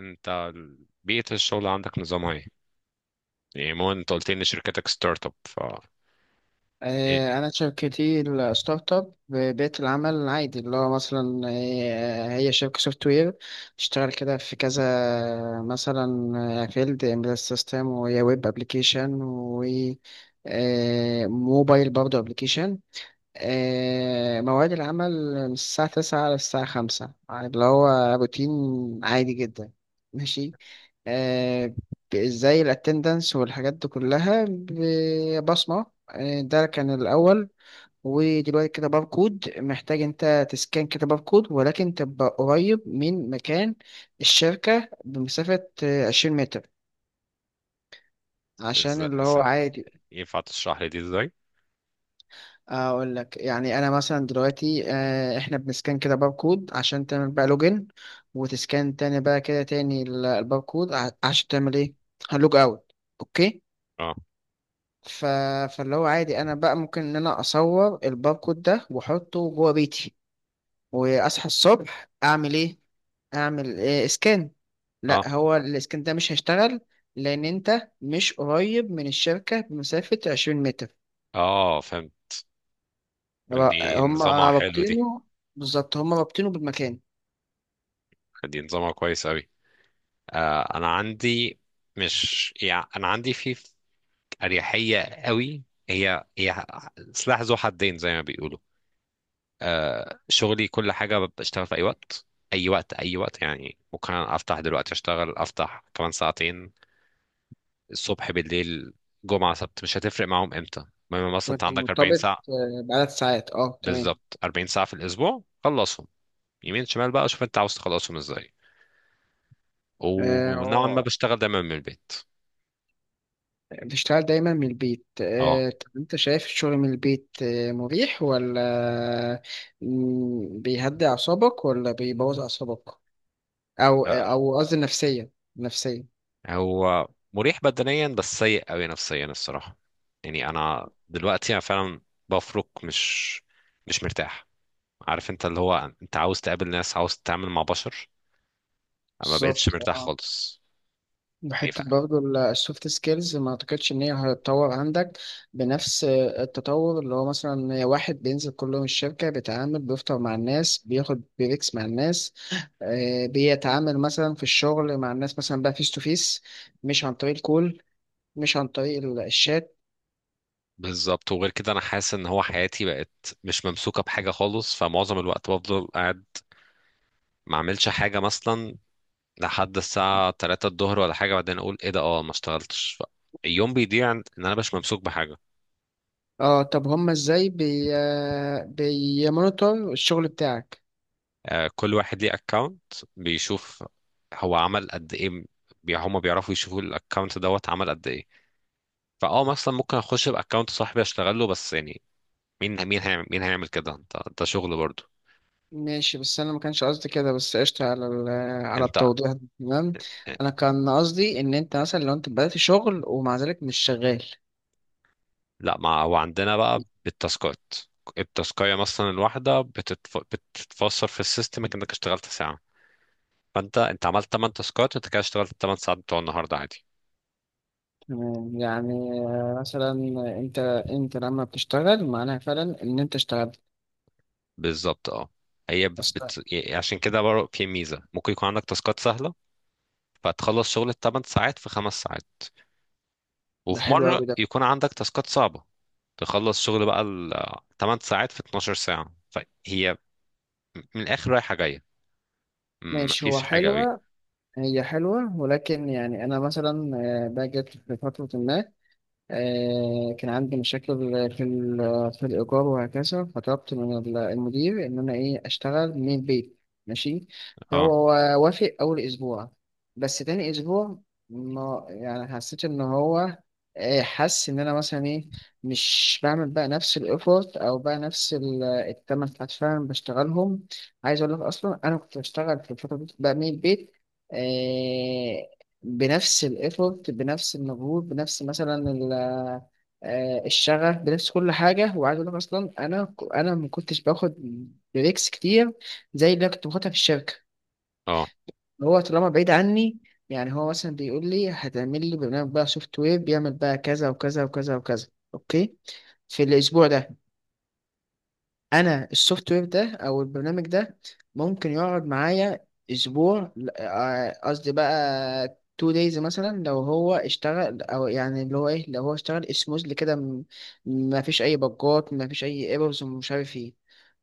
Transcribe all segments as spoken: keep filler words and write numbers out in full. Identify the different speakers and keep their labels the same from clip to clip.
Speaker 1: انت ال- بيئة الشغل عندك نظامها ايه؟ يعني مو انت قلت لي ان شركتك ستارت اب ف ايه.
Speaker 2: آه، أنا شركتي الستارت اب بيئة العمل العادي اللي هو مثلا آه، هي شركة سوفت وير. اشتغل كده في كذا، مثلا فيلد امبيدد سيستم ويا ويب ابلكيشن، وموبايل برضه ابلكيشن. آه، مواعيد العمل من الساعة تسعة للساعة خمسة، اللي هو روتين عادي جدا. ماشي. آه، ب- زي الاتندنس والحاجات دي كلها ب- بصمة. آه، ده كان الأول، ودلوقتي كده باركود. محتاج انت تسكان كده باركود، ولكن تبقى قريب من مكان الشركة بمسافة آه، عشرين متر، عشان
Speaker 1: إز...
Speaker 2: اللي
Speaker 1: إز...
Speaker 2: هو عادي.
Speaker 1: ينفع تشرح لي دي ازاي؟
Speaker 2: اقول لك يعني، انا مثلا دلوقتي آه، احنا بنسكان كده باركود عشان تعمل بقى لوجن، وتسكان تاني بقى كده تاني ال- الباركود ع- عشان تعمل ايه؟ هلوج اوت. اوكي.
Speaker 1: اه،
Speaker 2: ف... فاللي هو عادي، انا بقى ممكن ان انا اصور الباركود ده واحطه جوه بيتي، واصحى الصبح اعمل ايه؟ اعمل إيه سكان.
Speaker 1: اه،
Speaker 2: لا، هو السكان ده مش هيشتغل، لان انت مش قريب من الشركة بمسافة عشرين متر.
Speaker 1: اه، فهمت. دي
Speaker 2: هم
Speaker 1: نظامها حلو دي.
Speaker 2: رابطينه، بالظبط، هم رابطينه بالمكان.
Speaker 1: دي نظامها كويس اوي. آه، انا عندي، مش يعني انا عندي في اريحيه قوي. هي هي سلاح ذو حدين زي ما بيقولوا. آه، شغلي كل حاجه بشتغل في اي وقت، اي وقت اي وقت، يعني ممكن افتح دلوقتي اشتغل، افتح كمان ساعتين، الصبح بالليل، جمعه سبت مش هتفرق معاهم امتى. المهم مثلا انت
Speaker 2: وانت
Speaker 1: عندك
Speaker 2: مرتبط
Speaker 1: اربعين ساعة ساعه،
Speaker 2: آه، بعدد ساعات. اه تمام.
Speaker 1: بالظبط اربعين ساعة ساعه في الاسبوع، خلصهم يمين شمال بقى، شوف انت عاوز تخلصهم ازاي.
Speaker 2: آه،
Speaker 1: ونوعا ما
Speaker 2: آه،
Speaker 1: بشتغل دايما من البيت.
Speaker 2: بتشتغل دايما من البيت؟
Speaker 1: اه.
Speaker 2: آه، طب انت شايف الشغل من البيت آه، مريح ولا مم، بيهدي اعصابك ولا بيبوظ اعصابك؟ او آه،
Speaker 1: آه،
Speaker 2: او قصدي نفسيا، نفسيا.
Speaker 1: هو مريح بدنيا بس سيء قوي نفسيا الصراحة. يعني انا دلوقتي، انا فعلا بفرك، مش مش مرتاح. عارف انت اللي هو انت عاوز تقابل ناس، عاوز تتعامل مع بشر. انا ما بقتش
Speaker 2: بالظبط،
Speaker 1: مرتاح خالص. يعني
Speaker 2: بحتة
Speaker 1: ف-
Speaker 2: برضه. السوفت سكيلز ما اعتقدش ان هي هتتطور عندك بنفس التطور، اللي هو مثلا واحد بينزل كل يوم الشركة، بيتعامل، بيفطر مع الناس، بياخد بريكس مع الناس، آه، بيتعامل مثلا في الشغل مع الناس مثلا بقى فيس تو فيس، مش عن طريق الكول، مش عن طريق ال- الشات.
Speaker 1: بالظبط، وغير كده انا حاسس ان هو حياتي بقت مش ممسوكة بحاجة خالص، فمعظم الوقت بفضل قاعد ما اعملش حاجة مثلا لحد الساعة ثلاثة الظهر ولا حاجة، بعدين اقول ايه ده، اه ما اشتغلتش، ف- اليوم بيضيع ان انا مش ممسوك بحاجة.
Speaker 2: اه طب هما ازاي بي آه، بيمونيتور الشغل بتاعك؟
Speaker 1: آه، كل واحد ليه اكونت، بيشوف هو عمل قد ايه. بي- هما بيعرفوا يشوفوا الاكونت دوت عمل قد ايه. فاه مثلا ممكن اخش باكونت صاحبي اشتغل له، بس يعني مين مين هيعمل، مين هيعمل كده؟ انت، ده شغل برضو.
Speaker 2: ماشي، بس انا ما كانش قصدي كده. بس قشطة على ال- على
Speaker 1: انت.
Speaker 2: التوضيح ده، تمام. انا كان قصدي ان انت مثلا لو انت بدأت شغل ومع ذلك مش شغال.
Speaker 1: لا ما هو عندنا بقى بالتاسكات. التاسكايه مثلا الواحده بتتف... بتتفسر في السيستم انك اشتغلت ساعه، فانت انت عملت 8 تاسكات، انت كده اشتغلت 8 ساعات بتوع النهارده عادي.
Speaker 2: تمام يعني، مثلا انت انت لما بتشتغل معناها فعلا ان انت اشتغلت.
Speaker 1: بالظبط، اه. هي بت...
Speaker 2: بس
Speaker 1: بت- عشان كده برضه في ميزه، ممكن يكون عندك تاسكات سهله فتخلص شغل الثمان ساعات في خمس ساعات،
Speaker 2: ده
Speaker 1: وفي
Speaker 2: حلو
Speaker 1: مرة
Speaker 2: قوي ده.
Speaker 1: يكون عندك تاسكات صعبة تخلص شغل بقى الثمان ساعات في 12 ساعة. فهي من الآخر رايحة جاية،
Speaker 2: ماشي، هو
Speaker 1: مفيش حاجة قوي.
Speaker 2: حلوة، هي حلوة، ولكن يعني انا مثلا آه، باجي في فترة ما آه، كان عندي مشاكل في ال- في الإيجار وهكذا، فطلبت من ال- المدير إن أنا إيه أشتغل من البيت. ماشي.
Speaker 1: اه،
Speaker 2: فهو وافق أول أسبوع، بس تاني أسبوع ما يعني حسيت إن هو آه، حس إن أنا مثلا إيه، مش بعمل بقى نفس الإيفورت أو بقى نفس ال- التمن ساعات فعلا بشتغلهم. عايز أقول لك أصلا أنا كنت بشتغل في الفترة دي بقى من البيت آه، بنفس الايفورت، بنفس المجهود، بنفس مثلا ال- آه، الشغف، بنفس كل حاجه. وعايز اقول لك اصلا انا انا ما كنتش باخد بريكس كتير زي اللي أنا كنت باخدها في الشركه.
Speaker 1: اه،
Speaker 2: اللي هو طالما بعيد عني، يعني هو مثلا بيقول لي هتعمل لي برنامج بقى سوفت وير بيعمل بقى كذا وكذا وكذا وكذا. اوكي، في الاسبوع ده انا السوفت وير ده او البرنامج ده ممكن يقعد معايا اسبوع ل- آه، قصدي بقى تو دايز، مثلا لو هو اشتغل، او يعني اللي هو ايه لو هو اشتغل سموزلي كده، م- ما فيش اي بجات، ما فيش اي ايرورز ومش عارف ايه.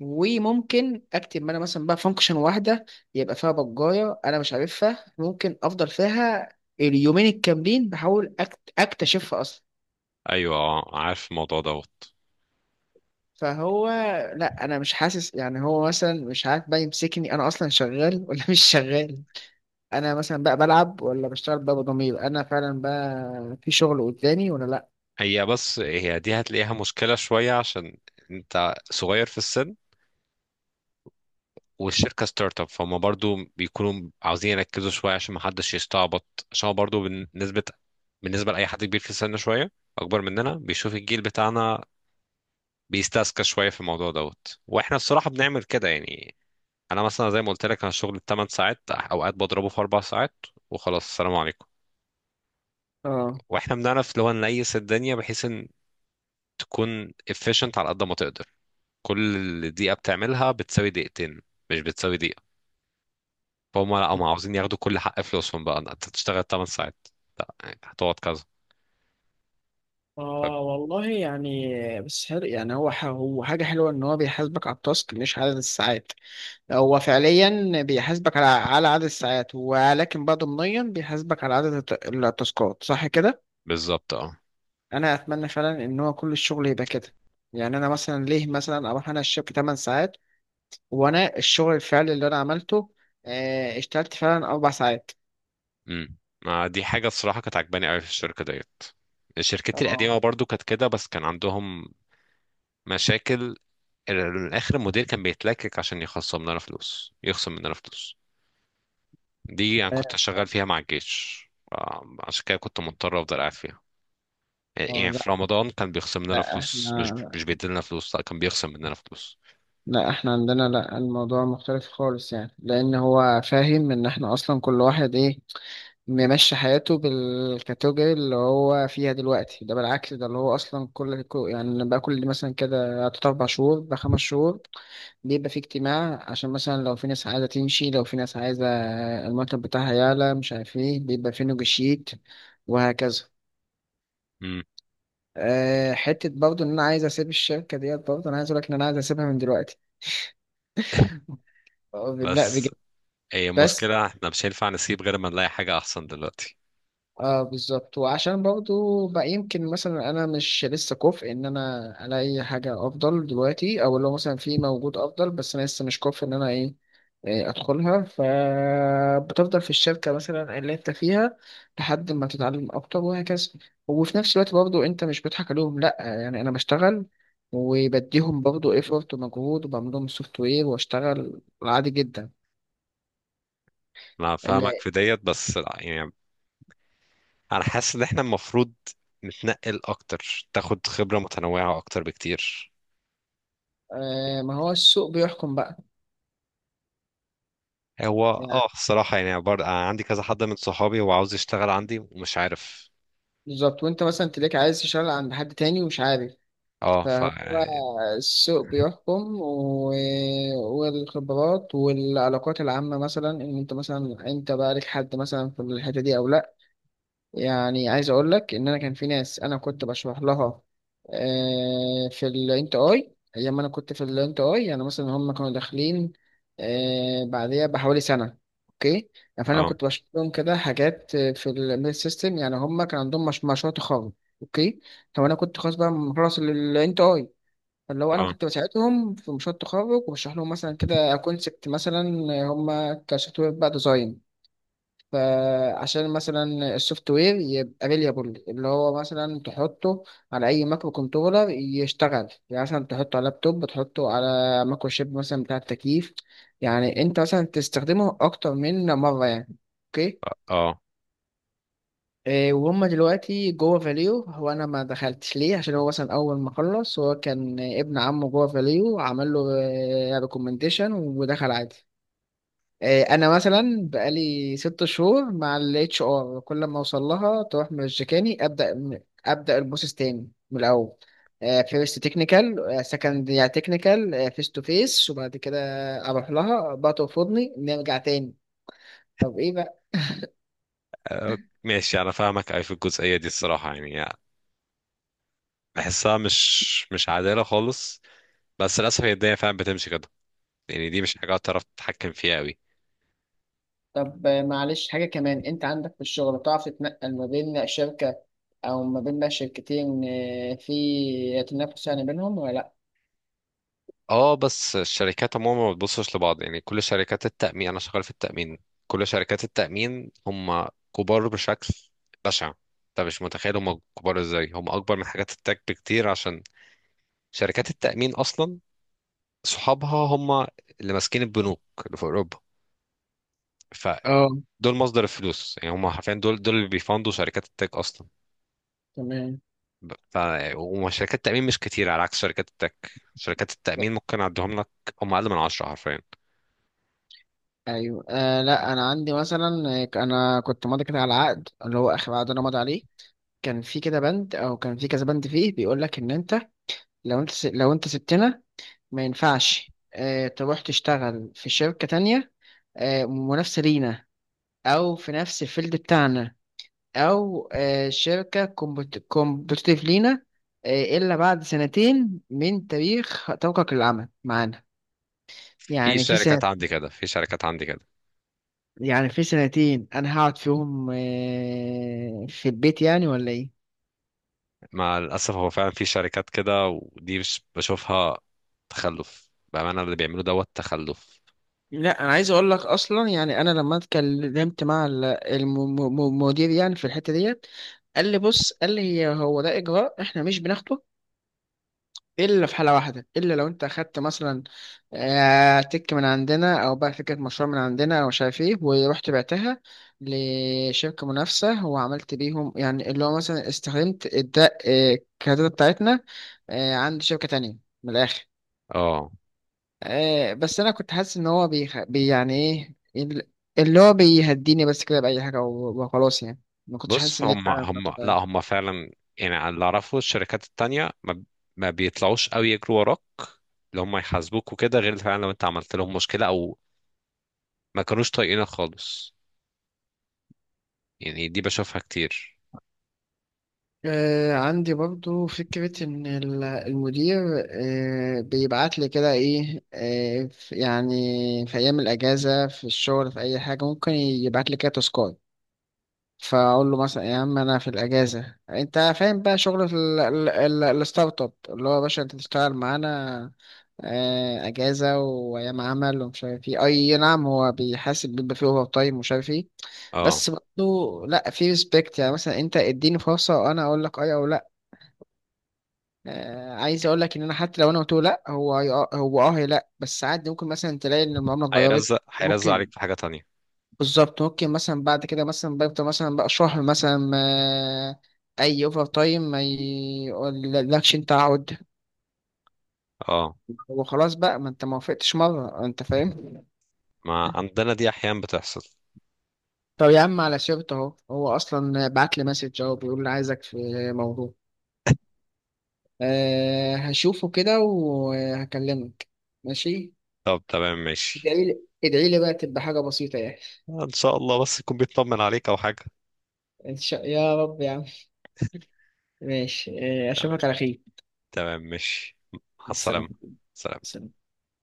Speaker 2: وممكن اكتب انا مثلا بقى فانكشن واحده يبقى فيها بجايه انا مش عارفها، ممكن افضل فيها اليومين الكاملين بحاول أكت- اكتشفها اصلا.
Speaker 1: ايوه، اه، عارف الموضوع دوت.
Speaker 2: فهو لا، انا مش حاسس يعني، هو مثلا مش عارف بقى يمسكني انا اصلا شغال ولا مش شغال. انا مثلا بقى بلعب ولا بشتغل بقى بضمير، انا فعلا بقى في شغل قدامي ولا لا.
Speaker 1: هي، بس هي دي هتلاقيها مشكلة شوية، عشان انت صغير في السن والشركة ستارت اب، فهم برضو بيكونوا عاوزين يركزوا شوية عشان محدش يستعبط، عشان هو برضو بالنسبة بالنسبة لأي حد كبير في السن شوية، أكبر مننا، بيشوف الجيل بتاعنا بيستسكى شويه في الموضوع دوت. واحنا الصراحه بنعمل كده يعني، انا مثلا زي ما قلت لك انا شغل 8 ساعات اوقات بضربه في اربع ساعات وخلاص السلام عليكم.
Speaker 2: اه.
Speaker 1: واحنا بنعرف اللي هو نليس الدنيا بحيث ان تكون efficient على قد ما تقدر، كل دقيقه بتعملها بتساوي دقيقتين، مش بتساوي دقيقه. فهم لا، هم عاوزين ياخدوا كل حق فلوسهم، بقى انت تشتغل 8 ساعات، لا يعني هتقعد كذا. ف-
Speaker 2: اه والله يعني، بس حلو يعني، هو ح- هو حاجة حلوة ان هو بيحاسبك على التاسك مش عدد الساعات. هو فعليا بيحاسبك على على عدد الساعات، ولكن بقى ضمنيا بيحاسبك على عدد الت- التاسكات، صح كده؟
Speaker 1: بالظبط، اه.
Speaker 2: انا اتمنى فعلا ان هو كل الشغل يبقى كده. يعني انا مثلا ليه مثلا اروح انا الشركه ثمان ساعات، وانا الشغل الفعلي اللي انا عملته آه، اشتغلت فعلا اربع ساعات.
Speaker 1: امم ما دي حاجه الصراحه كانت عجباني قوي في الشركه ديت، شركتي
Speaker 2: اه.
Speaker 1: القديمه برضو كانت كده، بس كان عندهم مشاكل. ال- الاخر المدير كان بيتلكك عشان يخصم لنا فلوس، يخصم مننا فلوس. دي يعني كنت
Speaker 2: آه،
Speaker 1: شغال فيها مع الجيش، آه، عشان كده كنت مضطر افضل قاعد فيها.
Speaker 2: آه،
Speaker 1: يعني
Speaker 2: لا،
Speaker 1: في رمضان كان بيخصم لنا
Speaker 2: لا
Speaker 1: فلوس، مش
Speaker 2: احنا،
Speaker 1: مش بيديلنا فلوس، لا كان بيخصم مننا فلوس.
Speaker 2: لا احنا عندنا، لا الموضوع مختلف خالص، يعني لان هو فاهم ان احنا اصلا كل واحد ايه ممشي حياته بالكاتيجوري اللي هو فيها دلوقتي. ده بالعكس ده اللي هو اصلا كل كل- يعني بقى كل مثلا كده تلات اربع شهور بقى خمس شهور بيبقى في اجتماع، عشان مثلا لو في ناس عايزة تمشي، لو في ناس عايزة المرتب بتاعها يعلى، مش عارف ايه، بيبقى في نيجوشيت وهكذا.
Speaker 1: مم.
Speaker 2: أه حتة برضه إن أنا عايز أسيب الشركة ديت، برضه أنا عايز أقول لك إن أنا عايز أسيبها من دلوقتي. أه، لا
Speaker 1: بس
Speaker 2: بجد.
Speaker 1: هي
Speaker 2: بس
Speaker 1: المشكلة احنا مش هينفع نسيب غير ما نلاقي حاجة أحسن دلوقتي.
Speaker 2: اه بالظبط، وعشان برضو بقى يمكن مثلا انا مش لسه كفء ان انا الاقي حاجه افضل دلوقتي، او لو مثلا في موجود افضل بس انا لسه مش كفء ان انا ايه إيه ادخلها. فبتفضل في الشركه مثلا اللي انت فيها لحد ما تتعلم اكتر وهكذا. وفي نفس الوقت برضو انت مش بتضحك عليهم، لا يعني انا بشتغل وبديهم برضو ايفورت ومجهود، وبعمل لهم سوفت وير واشتغل عادي جدا.
Speaker 1: أنا فاهمك
Speaker 2: اللي
Speaker 1: في ديت، بس لا، يعني أنا حاسس إن احنا المفروض نتنقل أكتر، تاخد خبرة متنوعة أكتر بكتير.
Speaker 2: آه ما هو السوق بيحكم بقى.
Speaker 1: هو
Speaker 2: يعني
Speaker 1: اه، الصراحة يعني برضه أنا عندي كذا حد من صحابي هو عاوز يشتغل عندي ومش عارف.
Speaker 2: بالظبط، وانت مثلا تلاقيك عايز تشتغل عند حد تاني ومش عارف.
Speaker 1: اه، ف
Speaker 2: فهو
Speaker 1: اه،
Speaker 2: السوق بيحكم، و... والخبرات والعلاقات العامة، مثلا ان انت مثلا انت بقى لك حد مثلا في الحتة دي او لا. يعني عايز اقول لك ان انا كان في ناس انا كنت بشرح لها آه، في الانت اي، ايام ما انا كنت في الانت اي، يعني مثلا هم كانوا داخلين آه، بعديها بحوالي سنه. اوكي. يعني فانا كنت بشرح لهم كده حاجات آه، في الميل سيستم، يعني هم كان عندهم مش مشروع تخرج. اوكي. طب انا كنت خلاص بقى مخلص الانت اي، فاللي هو انا
Speaker 1: اه،
Speaker 2: كنت بساعدهم في مشروع التخرج وبشرح لهم مثلا كده كونسبت، مثلا هم كسوفت وير بقى ديزاين، فعشان مثلا السوفت وير يبقى ريليابل، اللي هو مثلا تحطه على اي مايكرو كنترولر يشتغل، يعني مثلا تحطه على لابتوب، تحطه على مايكرو شيب مثلا بتاع التكييف، يعني انت مثلا تستخدمه اكتر من مره يعني. اوكي.
Speaker 1: اه،
Speaker 2: إيه، وهم دلوقتي جوه فاليو. هو انا ما دخلتش ليه؟ عشان هو مثلا اول ما خلص هو كان ابن عمه جوه فاليو، عمل له ريكومنديشن ودخل عادي. آه، انا مثلا بقالي ست شهور مع الاتش ار، كل ما اوصل لها تروح مرجكاني، ابدا من- ابدا البروسيس تاني من الاول. فيرست تكنيكال، سكند يعني تكنيكال فيس تو فيس، وبعد كده اروح لها بقى ترفضني نرجع تاني. طب ايه بقى؟
Speaker 1: آه، ماشي انا فاهمك، اي في الجزئية دي الصراحة يعني بحسها مش مش عادلة خالص، بس للأسف هي الدنيا فعلا بتمشي كده. يعني دي مش حاجة تعرف تتحكم فيها قوي.
Speaker 2: طب آه، معلش حاجه كمان، انت عندك في الشغل بتعرف تتنقل ما بين شركه او ما بين بقى شركتين آه، في تنافس يعني بينهم ولا لا؟
Speaker 1: اه، بس الشركات عموما ما بتبصش لبعض، يعني كل شركات التأمين، أنا شغال في التأمين، كل شركات التأمين هم كبار بشكل بشع. انت مش متخيل هم كبار ازاي، هم اكبر من حاجات التك بكتير، عشان شركات التأمين أصلا صحابها هم اللي ماسكين البنوك اللي في أوروبا.
Speaker 2: اه
Speaker 1: فدول مصدر الفلوس، يعني هم حرفيا دول دول اللي بيفندوا شركات التك أصلا.
Speaker 2: تمام.
Speaker 1: ب- ف وشركات التأمين مش كتير، على عكس شركات التك. شركات التأمين ممكن أعدهم لك، هم أقل من عشرة حرفيا.
Speaker 2: ايوه آه لا انا عندي مثلا آه، انا كنت ماضي كده على عقد، اللي هو اخر عقد انا ماضي عليه كان في كده بند او كان في كذا بند فيه بيقول لك ان انت لو انت س- لو انت سبتنا ما ينفعش آه تروح تشتغل في شركة تانية آه منافسة لينا، او في نفس الفيلد بتاعنا، او آه شركة كومبتيتيف لينا، آه الا بعد سنتين من تاريخ توقعك للعمل معانا.
Speaker 1: في
Speaker 2: يعني في
Speaker 1: شركات عندي كده، في شركات عندي كده.
Speaker 2: يعني في سنتين انا هقعد فيهم آه، في البيت يعني ولا ايه؟
Speaker 1: مع الأسف هو فعلا في شركات كده، ودي مش بشوفها، تخلف بأمانة، اللي بيعملوا دوت تخلف.
Speaker 2: لا انا عايز اقول لك اصلا، يعني انا لما اتكلمت مع ال- الم- م- م- المدير يعني في الحته ديت، قال لي بص، قال لي هي- هو ده اجراء احنا مش بناخده الا في حاله واحده، الا لو انت اخدت مثلا آه، تك من عندنا، او بقى فكره مشروع من عندنا، او مش عارف ايه ورحت بعتها لشركه منافسه وعملت بيهم، يعني اللي هو مثلا استخدمت الدا آه، الكادات بتاعتنا آه، عند شركه تانية، من الاخر.
Speaker 1: اه،
Speaker 2: آه، بس انا كنت حاسس ان هو بيخ... بي يعني ايه ال- اللي هو بيهديني بس كده باي حاجه و- وخلاص يعني. ما كنتش حاسس
Speaker 1: بص،
Speaker 2: ان هي
Speaker 1: هم
Speaker 2: فعلا
Speaker 1: هم لا،
Speaker 2: نقطة.
Speaker 1: هم فعلا يعني، على اللي اعرفه الشركات التانية ما, ما بيطلعوش قوي يجروا وراك، اللي هم يحاسبوك وكده، غير فعلا لو انت عملت لهم مشكلة او ما كانوش طايقينك خالص. يعني دي بشوفها كتير.
Speaker 2: آه، عندي برضو فكرة إن ال- المدير آه، بيبعت لي كده إيه آه، في- يعني في أيام الأجازة في الشغل، في أي حاجة ممكن يبعت لي كده تاسكات. فأقول له مثلا يا عم أنا في الأجازة، أنت فاهم بقى شغل ال- ال- ال- الستارت أب، اللي هو يا باشا أنت تشتغل معانا آه، أجازة وأيام عمل ومش عارف إيه، أي نعم هو بيحاسب، بيبقى فيه أوفر تايم ومش عارف إيه.
Speaker 1: اه،
Speaker 2: بس برضه لا في ريسبكت، يعني مثلا انت اديني فرصه وانا اقول لك اي او لا. آه، عايز اقول لك ان انا حتى لو انا قلت له لا، هو هي- آه، هو اه هي لا بس عادي، ممكن مثلا تلاقي ان المعامله اتغيرت.
Speaker 1: هيرزق هيرزق
Speaker 2: ممكن.
Speaker 1: عليك في حاجة تانية.
Speaker 2: بالظبط، ممكن مثلا بعد كده مثلا بيفضل مثلا بقى شهر مثلا ما اي اوفر تايم ما يقولكش انت عود.
Speaker 1: اه،
Speaker 2: هو خلاص بقى ما انت ما وافقتش مره، انت فاهم.
Speaker 1: ما عندنا دي احيانا بتحصل.
Speaker 2: طب يا عم على سيرته اهو، هو اصلا بعت لي مسج اهو بيقول لي عايزك في موضوع. أه هشوفه كده وهكلمك. ماشي.
Speaker 1: طب تمام ماشي.
Speaker 2: ادعي لي، ادعي لي بقى تبقى حاجه بسيطه يعني.
Speaker 1: ان شاء الله بس يكون بيطمن عليك او حاجة.
Speaker 2: ان شاء يا رب يا عم. ماشي إيه،
Speaker 1: تمام،
Speaker 2: اشوفك على خير.
Speaker 1: تمام، ماشي. مع
Speaker 2: سلام.
Speaker 1: السلامة. سلام.
Speaker 2: سلام.